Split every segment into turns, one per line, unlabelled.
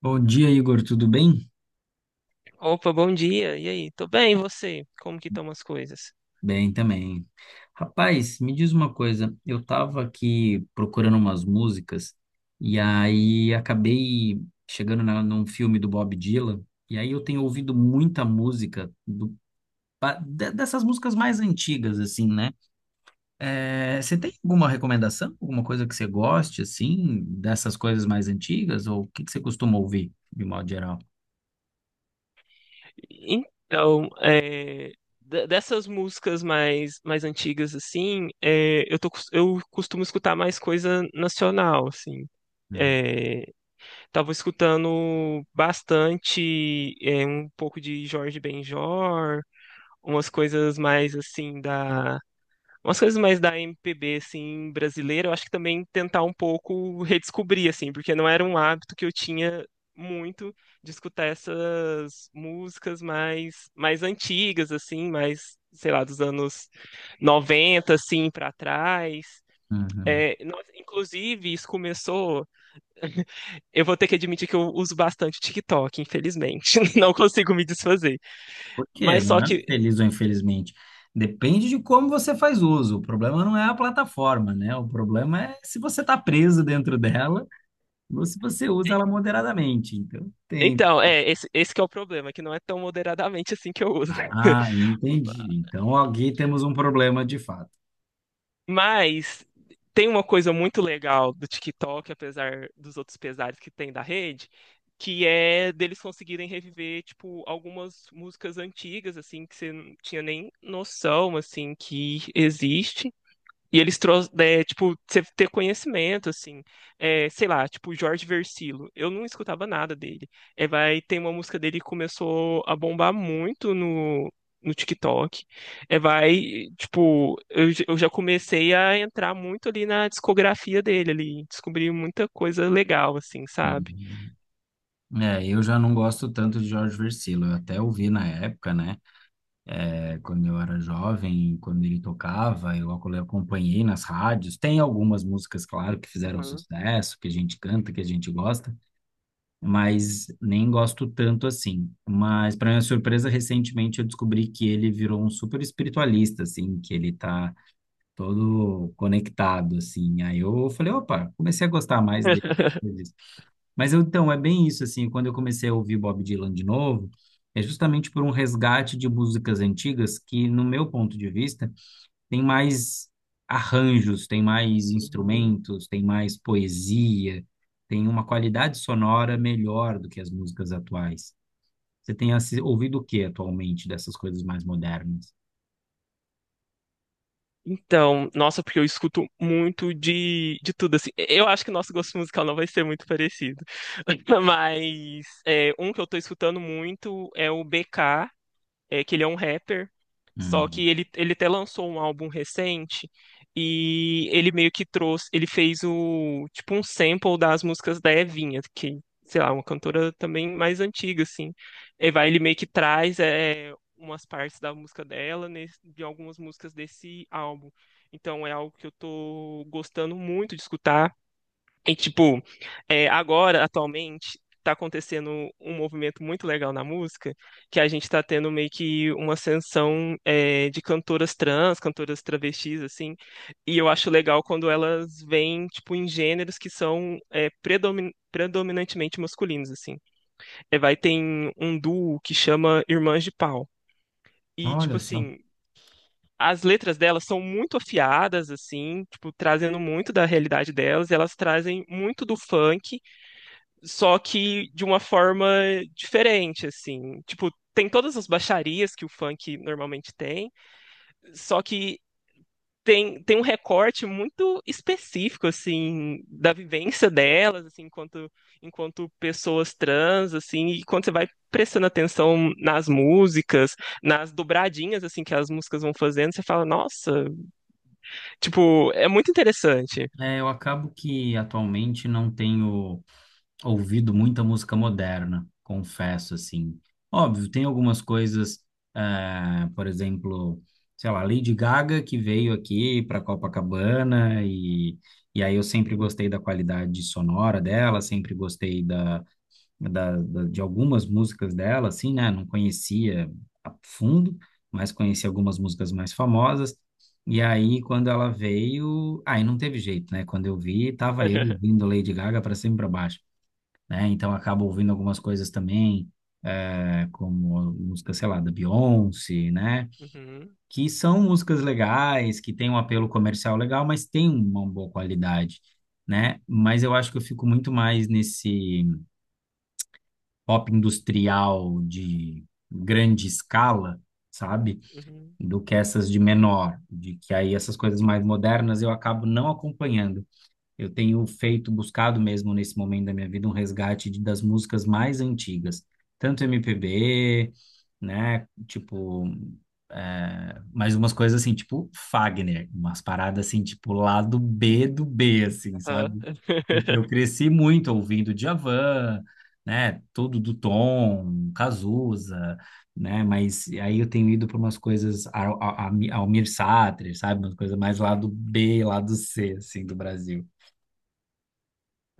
Bom dia, Igor, tudo bem?
Opa, bom dia. E aí? Tô bem, e você? Como que estão as coisas?
Bem também. Rapaz, me diz uma coisa, eu estava aqui procurando umas músicas e aí acabei chegando num filme do Bob Dylan e aí eu tenho ouvido muita música dessas músicas mais antigas, assim, né? Você tem alguma recomendação, alguma coisa que você goste, assim, dessas coisas mais antigas ou o que que você costuma ouvir, de modo geral?
Então, é, Dessas músicas mais antigas, assim, eu eu costumo escutar mais coisa nacional, assim.
Hum.
É, Tava escutando bastante, um pouco de Jorge Benjor, umas coisas mais, assim, umas coisas mais da MPB, assim, brasileira. Eu acho que também tentar um pouco redescobrir, assim, porque não era um hábito que eu tinha muito de escutar essas músicas mais antigas, assim, mais, sei lá, dos anos 90, assim, para trás.
Uhum.
Nossa, inclusive, isso começou. Eu vou ter que admitir que eu uso bastante o TikTok, infelizmente. Não consigo me desfazer.
Por quê?
Mas só
Não é
que
feliz ou infelizmente. Depende de como você faz uso. O problema não é a plataforma, né? O problema é se você está preso dentro dela ou se você usa ela moderadamente. Então, tem.
Esse que é o problema, que não é tão moderadamente assim que eu uso.
Ah, entendi. Então, aqui temos um problema de fato.
Mas tem uma coisa muito legal do TikTok, apesar dos outros pesares que tem da rede, que é deles conseguirem reviver, tipo, algumas músicas antigas, assim, que você não tinha nem noção, assim, que existe. E eles trouxeram, né, tipo, você ter conhecimento, assim, sei lá, tipo, Jorge Versilo, eu não escutava nada dele. É, vai, tem uma música dele que começou a bombar muito no TikTok. É, vai, tipo, eu já comecei a entrar muito ali na discografia dele, ali, descobri muita coisa legal, assim, sabe?
Uhum. É, eu já não gosto tanto de Jorge Vercillo. Eu até ouvi na época, né? É, quando eu era jovem, quando ele tocava, eu acompanhei nas rádios. Tem algumas músicas, claro, que fizeram sucesso, que a gente canta, que a gente gosta, mas nem gosto tanto assim. Mas, para minha surpresa, recentemente eu descobri que ele virou um super espiritualista, assim, que ele tá todo conectado, assim. Aí eu falei, opa, comecei a gostar mais dele. Mas então, é bem isso, assim, quando eu comecei a ouvir Bob Dylan de novo, é justamente por um resgate de músicas antigas que, no meu ponto de vista, tem mais arranjos, tem mais
Uhum.
instrumentos, tem mais poesia, tem uma qualidade sonora melhor do que as músicas atuais. Você tem ouvido o que atualmente dessas coisas mais modernas?
Então, nossa, porque eu escuto muito de tudo, assim. Eu acho que nosso gosto musical não vai ser muito parecido. Mas um que eu tô escutando muito é o BK, que ele é um rapper, só
Hum.
que ele até lançou um álbum recente e ele meio que trouxe. Ele fez tipo, um sample das músicas da Evinha, que, sei lá, uma cantora também mais antiga, assim. E vai, ele meio que traz umas partes da música dela, de algumas músicas desse álbum. Então é algo que eu tô gostando muito de escutar. E, tipo, agora, atualmente, tá acontecendo um movimento muito legal na música, que a gente tá tendo meio que uma ascensão, de cantoras trans, cantoras travestis, assim, e eu acho legal quando elas vêm, tipo, em gêneros que são, predominantemente masculinos, assim. É, vai, tem um duo que chama Irmãs de Pau, e, tipo,
Olha só.
assim... As letras delas são muito afiadas, assim, tipo, trazendo muito da realidade delas, e elas trazem muito do funk, só que de uma forma diferente, assim. Tipo, tem todas as baixarias que o funk normalmente tem, só que tem um recorte muito específico, assim, da vivência delas, assim, enquanto pessoas trans, assim, e quando você vai prestando atenção nas músicas, nas dobradinhas, assim, que as músicas vão fazendo, você fala, nossa, tipo, é muito interessante.
É, eu acabo que atualmente não tenho ouvido muita música moderna, confesso, assim. Óbvio, tem algumas coisas, por exemplo, sei lá, Lady Gaga, que veio aqui para Copacabana, e aí eu sempre gostei da qualidade sonora dela, sempre gostei de algumas músicas dela, assim, né? Não conhecia a fundo, mas conheci algumas músicas mais famosas. E aí, quando ela veio, aí não teve jeito, né? Quando eu vi, tava eu ouvindo Lady Gaga para cima e para baixo, né? Então acabo ouvindo algumas coisas também, como música, sei lá, da Beyoncé, né?
Uhum,
Que são músicas legais, que têm um apelo comercial legal, mas tem uma boa qualidade, né? Mas eu acho que eu fico muito mais nesse pop industrial de grande escala, sabe?
uhum,
Do que essas de menor, de que aí essas coisas mais modernas eu acabo não acompanhando. Eu tenho feito, buscado mesmo nesse momento da minha vida, um resgate das músicas mais antigas, tanto MPB, né? Tipo, é, mas umas coisas assim, tipo Fagner, umas paradas assim, tipo lado B do B, assim,
aham.
sabe? Porque eu cresci muito ouvindo Djavan, né? Tudo do Tom, Cazuza, né? Mas aí eu tenho ido para umas coisas ao Almir Sater, sabe? Umas coisas mais lado B, lado C, assim, do Brasil.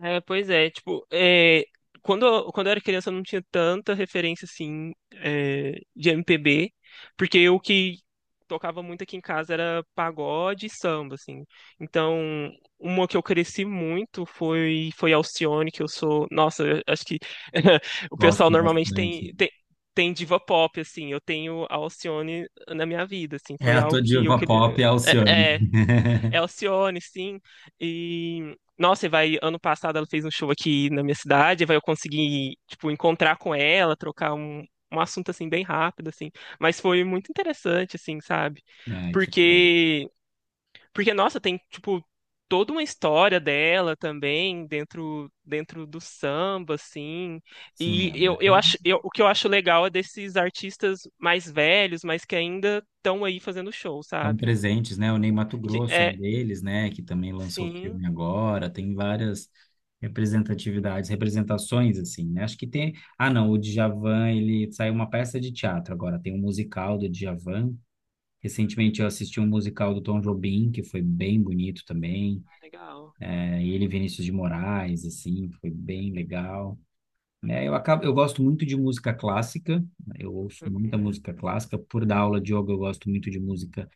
É, pois é, tipo, quando eu era criança eu não tinha tanta referência, assim, de MPB, porque o que tocava muito aqui em casa era pagode e samba, assim. Então, uma que eu cresci muito foi Alcione, que eu sou... Nossa, eu acho que o
Gosto
pessoal normalmente
bastante.
tem diva pop, assim, eu tenho a Alcione na minha vida, assim,
É,
foi
a tua
algo que eu
diva
queria...
pop é a Alcione.
é, é, é Alcione, sim. E, nossa, e vai, ano passado ela fez um show aqui na minha cidade, e vai eu consegui, tipo, encontrar com ela, trocar um assunto, assim, bem rápido, assim. Mas foi muito interessante, assim, sabe?
É, que legal.
Porque, porque, nossa, tem, tipo, toda uma história dela também dentro do samba, assim.
Sim,
E
ela é uma...
o que eu acho legal é desses artistas mais velhos, mas que ainda estão aí fazendo show,
estão
sabe?
presentes, né? O Ney
Que
Matogrosso é um
é,
deles, né? Que também lançou o
sim,
filme agora. Tem várias representatividades, representações, assim, né? Acho que tem... Ah, não, o Djavan, ele saiu uma peça de teatro agora. Tem um musical do Djavan. Recentemente eu assisti um musical do Tom Jobim, que foi bem bonito também.
ah, legal.
É, ele e Vinícius de Moraes, assim, foi bem legal, né? Eu acabo, eu gosto muito de música clássica, eu ouço muita
Hum,
música clássica. Por dar aula de yoga, eu gosto muito de música,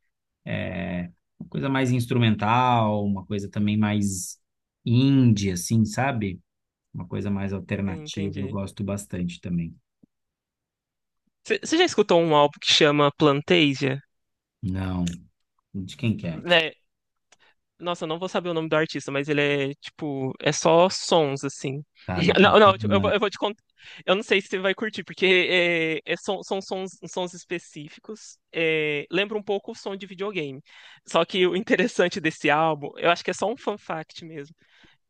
é, uma coisa mais instrumental, uma coisa também mais indie, assim, sabe? Uma coisa mais
sim,
alternativa, eu
entendi.
gosto bastante também.
Você já escutou um álbum que chama Plantasia?
Não, de quem quer?
Né? Nossa, eu não vou saber o nome do artista, mas ele é tipo, é só sons assim.
Tá, depois
Não,
tu
não,
me
tipo,
manda.
eu vou te contar. Eu não sei se você vai curtir, porque são sons, sons específicos. É, lembra um pouco o som de videogame. Só que o interessante desse álbum, eu acho que é só um fun fact mesmo,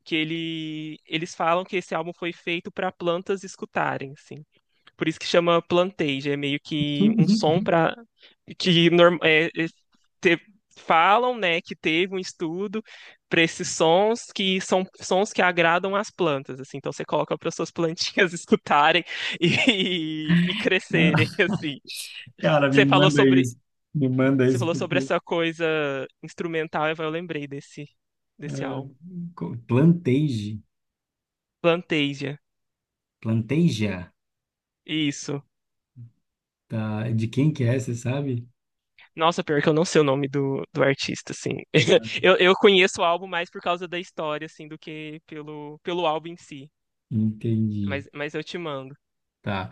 que eles falam que esse álbum foi feito para plantas escutarem, assim. Por isso que chama planteja, é meio que um som para que norm- é, é, te- falam, né, que teve um estudo para esses sons, que são sons que agradam as plantas, assim. Então você coloca para suas plantinhas escutarem e crescerem, assim.
Cara, me
Você falou
manda
sobre
isso. Me manda
você
isso
falou sobre
porque
essa coisa instrumental, eu lembrei desse
é,
álbum.
Plantage,
Planteja.
Planteja,
Isso.
tá? De quem que é, você sabe?
Nossa, pior que eu não sei o nome do artista, assim. Eu conheço o álbum mais por causa da história, assim, do que pelo álbum em si.
Entendi.
Mas eu te mando.
Tá.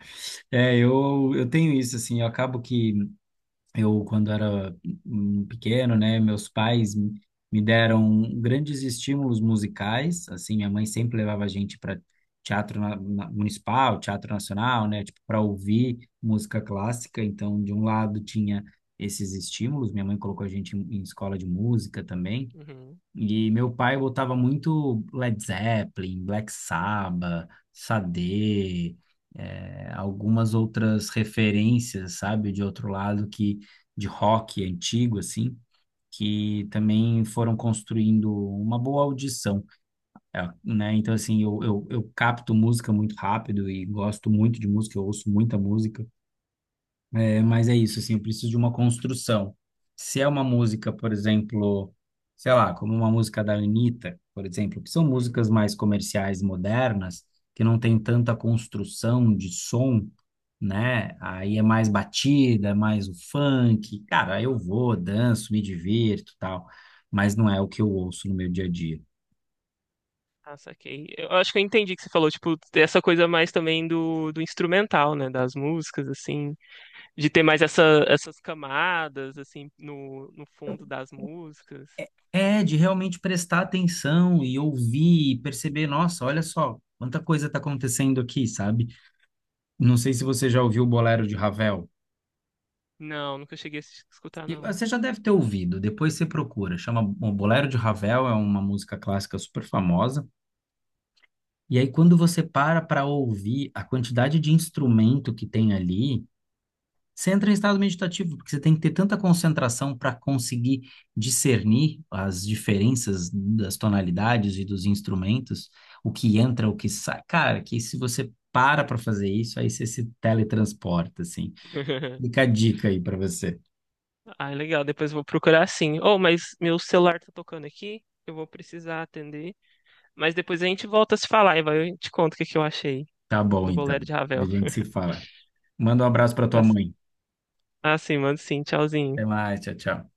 É, eu tenho isso, assim, eu acabo que eu, quando era pequeno, né, meus pais me deram grandes estímulos musicais, assim, minha mãe sempre levava a gente para teatro municipal, teatro nacional, né, tipo, para ouvir música clássica, então, de um lado tinha esses estímulos, minha mãe colocou a gente em escola de música também,
Uhum,
e meu pai botava muito Led Zeppelin, Black Sabbath, Sade, algumas outras referências, sabe, de outro lado que de rock antigo assim, que também foram construindo uma boa audição, né? Então assim, eu capto música muito rápido e gosto muito de música, eu ouço muita música. É, mas é isso, assim, eu preciso de uma construção. Se é uma música, por exemplo, sei lá, como uma música da Anitta, por exemplo, que são
uhum.
músicas mais comerciais, modernas, que não tem tanta construção de som, né? Aí é mais batida, é mais o funk. Cara, eu vou, danço, me divirto, tal, mas não é o que eu ouço no meu dia a dia.
Ah, saquei. Eu acho que eu entendi que você falou, tipo, dessa coisa mais também do instrumental, né? Das músicas, assim. De ter mais essa, essas camadas, assim, no fundo das músicas.
É de realmente prestar atenção e ouvir e perceber, nossa, olha só, quanta coisa está acontecendo aqui, sabe? Não sei se você já ouviu o Bolero de Ravel.
Não, nunca cheguei a escutar,
E
não.
você já deve ter ouvido, depois você procura. Chama o Bolero de Ravel, é uma música clássica super famosa. E aí, quando você para para ouvir a quantidade de instrumento que tem ali, você entra em estado meditativo, porque você tem que ter tanta concentração para conseguir discernir as diferenças das tonalidades e dos instrumentos, o que entra, o que sai. Cara, que se você para para fazer isso, aí você se teletransporta, assim. Fica a dica aí para você.
Ah, legal, depois eu vou procurar sim. Oh, mas meu celular tá tocando aqui, eu vou precisar atender. Mas depois a gente volta a se falar e vai, eu te conto o que que eu achei
Tá bom,
do
então.
Bolero de
A
Ravel.
gente se fala. Manda um abraço para tua
Tá c-
mãe.
ah, sim, mando sim, tchauzinho.
Até mais, tchau, tchau.